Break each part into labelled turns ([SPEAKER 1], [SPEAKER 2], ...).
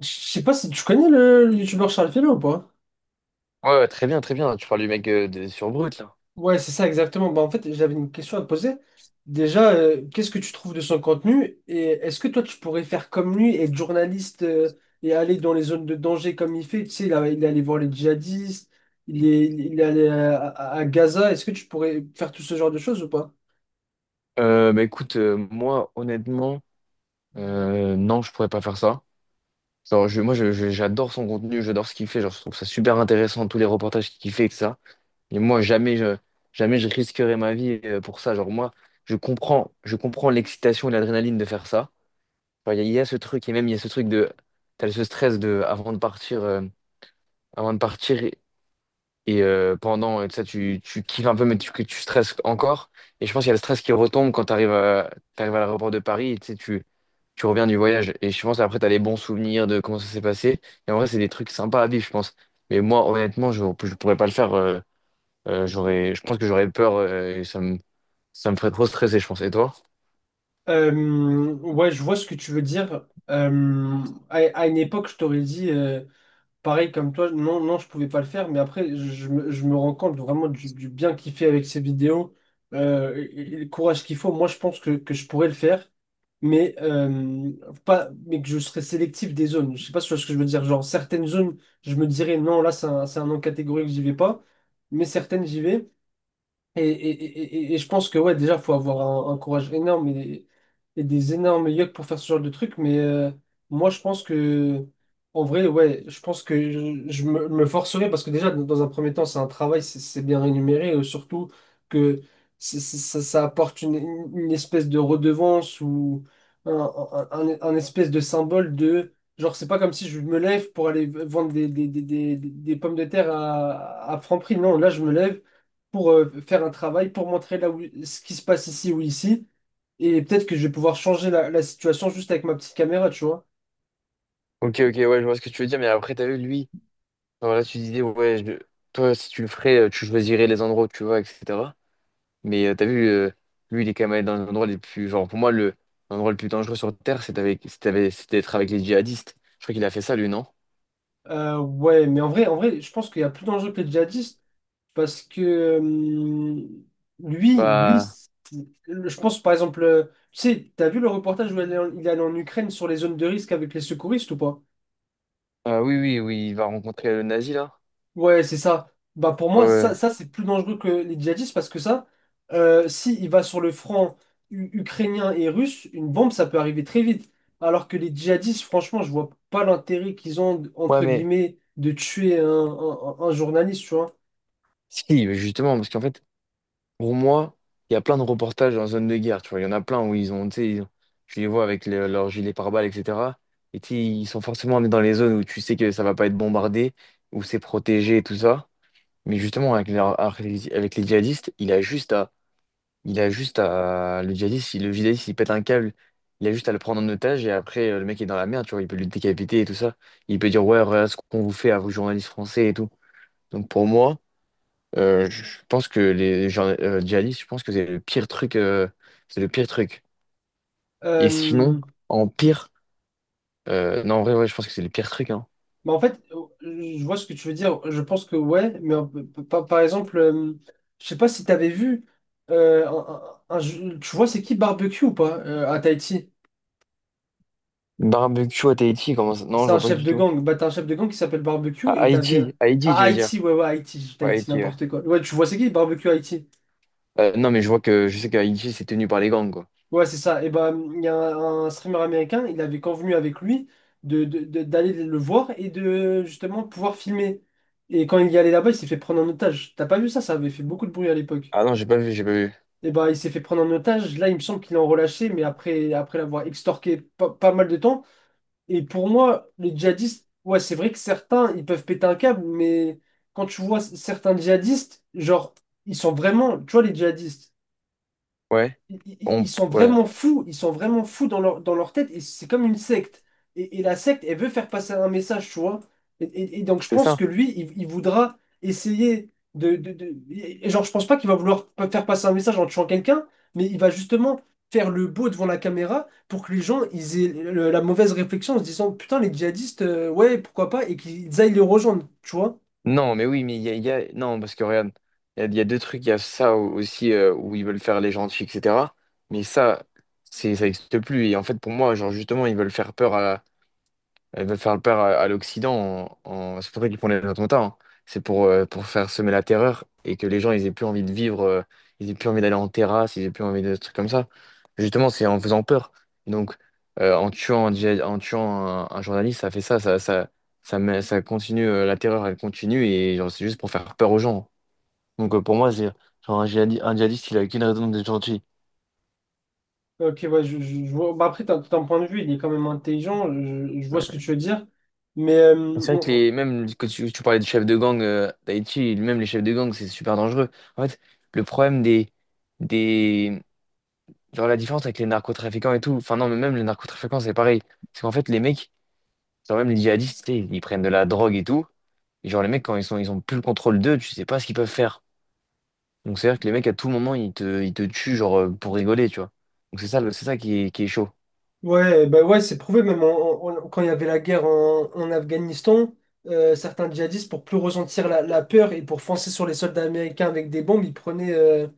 [SPEAKER 1] Je sais pas si tu connais le youtubeur Charles Félix ou pas?
[SPEAKER 2] Ouais, ouais, très bien, très bien. Tu parles du mec sur Brut, là.
[SPEAKER 1] Ouais, c'est ça exactement. Bah, en fait, j'avais une question à te poser. Déjà, qu'est-ce que tu trouves de son contenu et est-ce que toi tu pourrais faire comme lui, être journaliste et aller dans les zones de danger comme il fait? Tu sais, il est allé voir les djihadistes, il est allé à Gaza. Est-ce que tu pourrais faire tout ce genre de choses ou pas?
[SPEAKER 2] Bah écoute, moi, honnêtement, non, je pourrais pas faire ça. Genre, moi, j'adore son contenu, j'adore ce qu'il fait. Genre, je trouve ça super intéressant, tous les reportages qu'il fait, et ça. Et moi, jamais je risquerais ma vie pour ça. Genre, moi, je comprends l'excitation et l'adrénaline de faire ça. Genre, il y a ce truc, et même il y a ce truc de. T'as ce stress de, avant de partir. Et pendant, ça, tu kiffes un peu, mais que tu stresses encore. Et je pense qu'il y a le stress qui retombe quand t'arrives à l'aéroport de Paris et tu sais, tu reviens du voyage. Et je pense après, tu as les bons souvenirs de comment ça s'est passé. Et en vrai, c'est des trucs sympas à vivre, je pense. Mais moi, honnêtement, je ne pourrais pas le faire. Je pense que j'aurais peur et ça me ferait trop stresser, je pense. Et toi?
[SPEAKER 1] Ouais, je vois ce que tu veux dire. À, une époque, je t'aurais dit. Pareil comme toi, non, je pouvais pas le faire, mais après, je me rends compte vraiment du bien qu'il fait avec ses vidéos, et le courage qu'il faut. Moi, je pense que je pourrais le faire, mais, pas, mais que je serais sélectif des zones. Je sais pas si tu vois ce que je veux dire. Genre, certaines zones, je me dirais non, là, c'est un non catégorique, j'y vais pas, mais certaines, j'y vais. Et je pense que ouais, déjà, faut avoir un courage énorme et des énormes yeux pour faire ce genre de truc. Mais moi, en vrai, ouais, je pense que me forcerai parce que déjà, dans un premier temps, c'est un travail, c'est bien rémunéré. Surtout que ça apporte une espèce de redevance ou un espèce de symbole de. Genre, c'est pas comme si je me lève pour aller vendre des pommes de terre à Franprix. Non, là, je me lève pour faire un travail, pour montrer ce qui se passe ici ou ici. Et peut-être que je vais pouvoir changer la situation juste avec ma petite caméra, tu vois.
[SPEAKER 2] Ok, ok, ouais, je vois ce que tu veux dire. Mais après, t'as vu, lui, voilà, tu disais, ouais, toi, si tu le ferais, tu choisirais les endroits où tu vas, etc. Mais t'as vu, lui, il est quand même allé dans l'endroit les plus. Genre, pour moi, le l'endroit le plus dangereux sur Terre, c'est avec, c'est d'être avec les djihadistes. Je crois qu'il a fait ça, lui, non?
[SPEAKER 1] Ouais, mais en vrai, je pense qu'il y a plus d'enjeux que les djihadistes. Parce que euh, lui, lui,
[SPEAKER 2] Bah,
[SPEAKER 1] c'est- je pense par exemple, tu sais, t'as vu le reportage où il est allé en Ukraine sur les zones de risque avec les secouristes ou pas?
[SPEAKER 2] ah oui, oui, oui, il va rencontrer le nazi, là.
[SPEAKER 1] Ouais, c'est ça. Bah pour
[SPEAKER 2] Ouais.
[SPEAKER 1] moi,
[SPEAKER 2] Ouais,
[SPEAKER 1] ça c'est plus dangereux que les djihadistes parce que ça, si il va sur le front ukrainien et russe, une bombe, ça peut arriver très vite. Alors que les djihadistes, franchement, je vois pas l'intérêt qu'ils ont,
[SPEAKER 2] ouais,
[SPEAKER 1] entre
[SPEAKER 2] mais
[SPEAKER 1] guillemets, de tuer un journaliste, tu vois.
[SPEAKER 2] si, justement, parce qu'en fait, pour moi, il y a plein de reportages en zone de guerre, tu vois. Il y en a plein où ils ont, tu sais, tu les vois avec leurs gilets pare-balles, etc. Et tu sais, ils sont forcément dans les zones où tu sais que ça va pas être bombardé, où c'est protégé et tout ça. Mais justement, avec les djihadistes, il a juste à Il a juste à. Le djihadiste, si le djihadiste il pète un câble, il a juste à le prendre en otage et après le mec est dans la merde, tu vois, il peut le décapiter et tout ça. Il peut dire ouais, regarde ce qu'on vous fait à vous journalistes français et tout. Donc pour moi, je pense que les djihadistes, je pense que c'est le pire truc. C'est le pire truc. Et sinon,
[SPEAKER 1] Euh,
[SPEAKER 2] en pire. Non, en vrai, ouais, je pense que c'est le pire truc. Hein.
[SPEAKER 1] Bah, en fait, euh, je vois ce que tu veux dire. Je pense que ouais, mais par exemple, je sais pas si t'avais vu euh, un- tu vois c'est qui Barbecue ou pas à Tahiti?
[SPEAKER 2] Barbecue à Tahiti, comment ça? Non,
[SPEAKER 1] C'est
[SPEAKER 2] je
[SPEAKER 1] un
[SPEAKER 2] vois pas
[SPEAKER 1] chef
[SPEAKER 2] du
[SPEAKER 1] de
[SPEAKER 2] tout.
[SPEAKER 1] gang. Bah t'as un chef de gang qui s'appelle
[SPEAKER 2] À
[SPEAKER 1] Barbecue et t'avais
[SPEAKER 2] Haïti, Haïti,
[SPEAKER 1] à
[SPEAKER 2] tu veux dire?
[SPEAKER 1] Haïti, ouais, ouais, Haïti,
[SPEAKER 2] Ouais,
[SPEAKER 1] Tahiti
[SPEAKER 2] Haïti, ouais.
[SPEAKER 1] n'importe quoi. Ouais, tu vois c'est qui Barbecue Haïti?
[SPEAKER 2] Non, mais je vois que je sais qu'à Haïti, c'est tenu par les gangs, quoi.
[SPEAKER 1] Ouais, c'est ça. Et ben il y a un streamer américain, il avait convenu avec lui d'aller le voir et de justement pouvoir filmer. Et quand il y allait là-bas, il s'est fait prendre en otage. T'as pas vu ça? Ça avait fait beaucoup de bruit à l'époque.
[SPEAKER 2] Ah non, j'ai pas vu, j'ai pas vu.
[SPEAKER 1] Et bah, il s'est fait prendre en otage. Là, il me semble qu'il est en relâché, mais après, après l'avoir extorqué pas mal de temps. Et pour moi, les djihadistes, ouais, c'est vrai que certains, ils peuvent péter un câble, mais quand tu vois certains djihadistes, genre, ils sont vraiment, tu vois, les djihadistes,
[SPEAKER 2] Ouais. On...
[SPEAKER 1] ils sont
[SPEAKER 2] Ouais.
[SPEAKER 1] vraiment fous, ils sont vraiment fous dans leur tête, et c'est comme une secte. Et la secte, elle veut faire passer un message, tu vois. Et donc, je
[SPEAKER 2] C'est
[SPEAKER 1] pense que
[SPEAKER 2] ça.
[SPEAKER 1] lui, il voudra essayer de, et genre, je pense pas qu'il va vouloir faire passer un message en tuant quelqu'un, mais il va justement faire le beau devant la caméra pour que les gens, ils aient la mauvaise réflexion en se disant, putain, les djihadistes, ouais, pourquoi pas, et qu'ils aillent les rejoindre, tu vois.
[SPEAKER 2] Non, mais oui, mais non, parce que regarde, il y a deux trucs. Il y a ça aussi où ils veulent faire les gentils, etc. Mais ça, ça n'existe plus. Et en fait, pour moi, genre, justement, ils veulent faire le peur à l'Occident. C'est pour ça qu'ils font les attentats. Hein. C'est pour faire semer la terreur et que les gens ils aient plus envie de vivre, ils aient plus envie d'aller en terrasse, ils aient plus envie de trucs comme ça. Justement, c'est en faisant peur. Donc, en tuant un, journaliste, ça fait ça, ça continue, la terreur, elle continue et genre, c'est juste pour faire peur aux gens. Donc, pour moi, c'est genre un djihadiste, il a qu'une raison d'être gentil.
[SPEAKER 1] Ok, ouais, je vois. Bah après, t'as- ton point de vue, il est quand même intelligent. Je vois ce que tu veux dire. Mais
[SPEAKER 2] C'est vrai que même quand tu parlais de chefs de gang d'Haïti, même les chefs de gang, c'est super dangereux. En fait, le problème des, genre la différence avec les narcotrafiquants et tout, enfin non, mais même les narcotrafiquants, c'est pareil. C'est qu'en fait, les mecs, genre même les djihadistes, tu sais, ils prennent de la drogue et tout. Et genre, les mecs, quand ils ont plus le contrôle d'eux, tu sais pas ce qu'ils peuvent faire. Donc, c'est-à-dire que les mecs, à tout moment, ils te tuent, genre, pour rigoler, tu vois. Donc, c'est ça, c'est ça qui est chaud.
[SPEAKER 1] ouais, bah ouais, c'est prouvé. Même quand il y avait la guerre en Afghanistan, certains djihadistes, pour plus ressentir la peur et pour foncer sur les soldats américains avec des bombes, ils prenaient euh,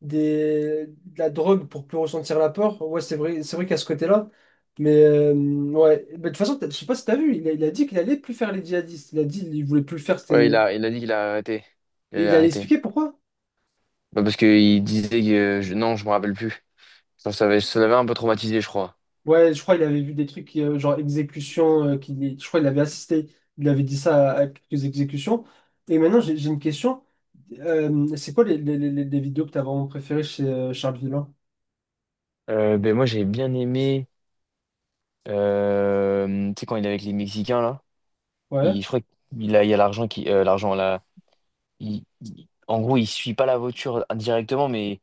[SPEAKER 1] des, de la drogue pour plus ressentir la peur. Ouais, c'est vrai qu'à ce côté-là. Mais ouais, bah, de toute façon, t'as- je sais pas si t'as vu, il a dit qu'il allait plus faire les djihadistes. Il a dit qu'il voulait plus le faire.
[SPEAKER 2] Ouais, il
[SPEAKER 1] C'était-
[SPEAKER 2] a, il a dit qu'il a arrêté. Il
[SPEAKER 1] il
[SPEAKER 2] a
[SPEAKER 1] a
[SPEAKER 2] arrêté.
[SPEAKER 1] expliqué pourquoi.
[SPEAKER 2] Bah, parce qu'il disait que, non, je me rappelle plus. Ça l'avait un peu traumatisé, je crois.
[SPEAKER 1] Ouais, je crois qu'il avait vu des trucs genre exécution, je crois qu'il avait assisté, il avait dit ça à quelques exécutions. Et maintenant, j'ai une question. C'est quoi les vidéos que t'as vraiment préférées chez Charles Villain?
[SPEAKER 2] Ben moi, j'ai bien aimé. Tu sais, quand il est avec les Mexicains, là,
[SPEAKER 1] Ouais.
[SPEAKER 2] je crois il y a l'argent qui. L'argent, là. En gros, il suit pas la voiture directement, mais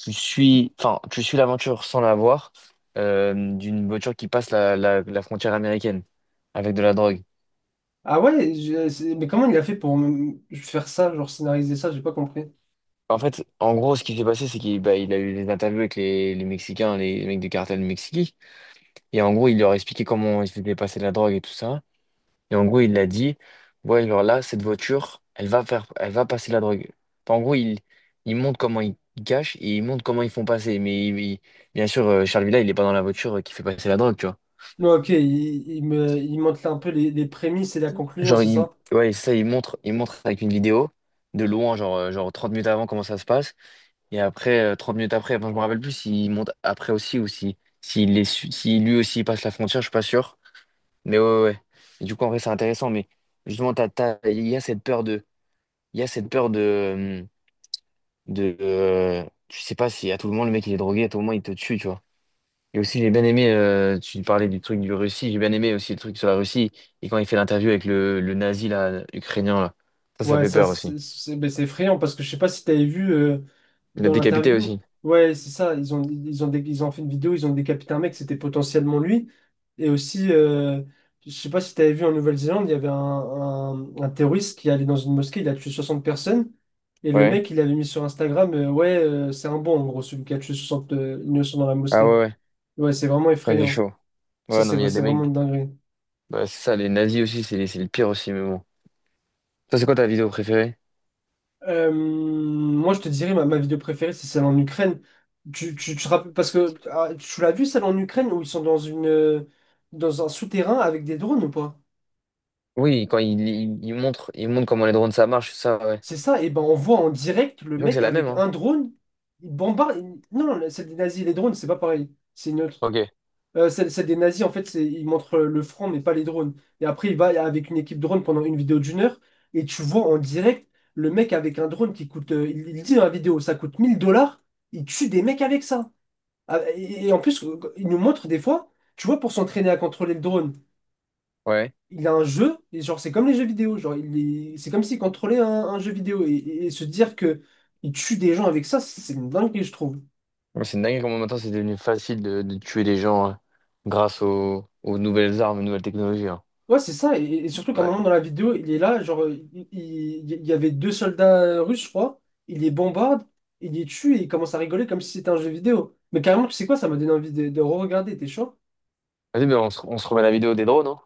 [SPEAKER 2] tu suis. Enfin, tu suis l'aventure sans la voir d'une voiture qui passe la frontière américaine avec de la drogue.
[SPEAKER 1] Ah ouais, mais comment il a fait pour faire ça, genre scénariser ça, j'ai pas compris.
[SPEAKER 2] En fait, en gros, ce qui s'est passé, c'est qu'il bah, il a eu des interviews avec les Mexicains, les mecs du cartel du Mexique. Et en gros, il leur a expliqué comment ils se faisaient passer de la drogue et tout ça. Et en gros, il a dit, ouais, alors là, cette voiture, elle va passer la drogue. Enfin, en gros, il montre comment ils cachent et il montre comment ils font passer. Mais bien sûr, Charles Villa, il est pas dans la voiture qui fait passer la drogue, tu vois.
[SPEAKER 1] Non, ok, il montre un peu les prémices et la conclusion,
[SPEAKER 2] Genre,
[SPEAKER 1] c'est ça?
[SPEAKER 2] ouais, c'est ça, il montre avec une vidéo de loin, genre, genre 30 minutes avant comment ça se passe. Et après, 30 minutes après, enfin, je me rappelle plus s'il monte après aussi ou si, s'il est, su- si lui aussi il passe la frontière, je suis pas sûr. Mais ouais, ouais. Et du coup, en vrai, c'est intéressant. Mais justement, Il y a cette peur de, tu sais pas si à tout le moment le mec il est drogué, à tout le moment il te tue, tu vois. Et aussi j'ai bien aimé, tu parlais du truc du Russie, j'ai bien aimé aussi le truc sur la Russie et quand il fait l'interview avec le nazi là, ukrainien là, ça
[SPEAKER 1] Ouais,
[SPEAKER 2] fait
[SPEAKER 1] ça,
[SPEAKER 2] peur aussi.
[SPEAKER 1] ben, c'est effrayant parce que je sais pas si t'avais vu
[SPEAKER 2] Il l'a
[SPEAKER 1] dans
[SPEAKER 2] décapité
[SPEAKER 1] l'interview.
[SPEAKER 2] aussi.
[SPEAKER 1] Ouais, c'est ça. Ils ont fait une vidéo, ils ont décapité un mec, c'était potentiellement lui. Et aussi, je sais pas si t'avais vu en Nouvelle-Zélande, il y avait un terroriste qui allait dans une mosquée, il a tué 60 personnes. Et le
[SPEAKER 2] Ouais.
[SPEAKER 1] mec, il avait mis sur Instagram, ouais, c'est un bon, en gros, celui qui a tué 60 innocents dans la
[SPEAKER 2] Ah
[SPEAKER 1] mosquée.
[SPEAKER 2] ouais, ouais.
[SPEAKER 1] Ouais, c'est vraiment
[SPEAKER 2] Ça c'est
[SPEAKER 1] effrayant.
[SPEAKER 2] chaud.
[SPEAKER 1] Ça,
[SPEAKER 2] Ouais non mais il y a
[SPEAKER 1] c'est
[SPEAKER 2] des
[SPEAKER 1] vraiment
[SPEAKER 2] mecs,
[SPEAKER 1] une dinguerie.
[SPEAKER 2] bah, c'est ça, les nazis aussi c'est le pire aussi mais bon. Ça c'est quoi ta vidéo préférée?
[SPEAKER 1] Moi, je te dirais, ma vidéo préférée, c'est celle en Ukraine. Tu te rappelles, parce que ah, tu l'as vu, celle en Ukraine, où ils sont dans dans un souterrain avec des drones ou pas?
[SPEAKER 2] Oui, quand il montre comment les drones ça marche, ça, ouais.
[SPEAKER 1] C'est ça, et ben on voit en direct le
[SPEAKER 2] Je crois que c'est
[SPEAKER 1] mec
[SPEAKER 2] la même
[SPEAKER 1] avec
[SPEAKER 2] hein.
[SPEAKER 1] un drone, il bombarde. Il- non, celle des nazis, les drones, c'est pas pareil, c'est neutre.
[SPEAKER 2] Ok.
[SPEAKER 1] Celle des nazis, en fait, c'est, ils montrent le front, mais pas les drones. Et après, il va avec une équipe drone pendant une vidéo d'1 heure, et tu vois en direct le mec avec un drone qui coûte, il dit dans la vidéo, ça coûte 1000 dollars, il tue des mecs avec ça. Ah, et en plus, il nous montre des fois, tu vois, pour s'entraîner à contrôler le drone,
[SPEAKER 2] Ouais.
[SPEAKER 1] il a un jeu, et genre c'est comme les jeux vidéo, genre c'est comme s'il contrôlait un jeu vidéo, et se dire que il tue des gens avec ça, c'est une dinguerie, je trouve.
[SPEAKER 2] Ouais, c'est dingue comment maintenant c'est devenu facile de tuer les gens hein, grâce aux nouvelles armes, aux nouvelles technologies. Hein.
[SPEAKER 1] Ouais, c'est ça, et surtout qu'à un
[SPEAKER 2] Ouais.
[SPEAKER 1] moment dans la vidéo, il est là, genre il y avait 2 soldats russes, je crois, il les bombarde, il les tue, et il commence à rigoler comme si c'était un jeu vidéo. Mais carrément, tu sais quoi, ça m'a donné envie de re-regarder, t'es chaud?
[SPEAKER 2] Vas-y, mais on se remet la vidéo des drones. Hein.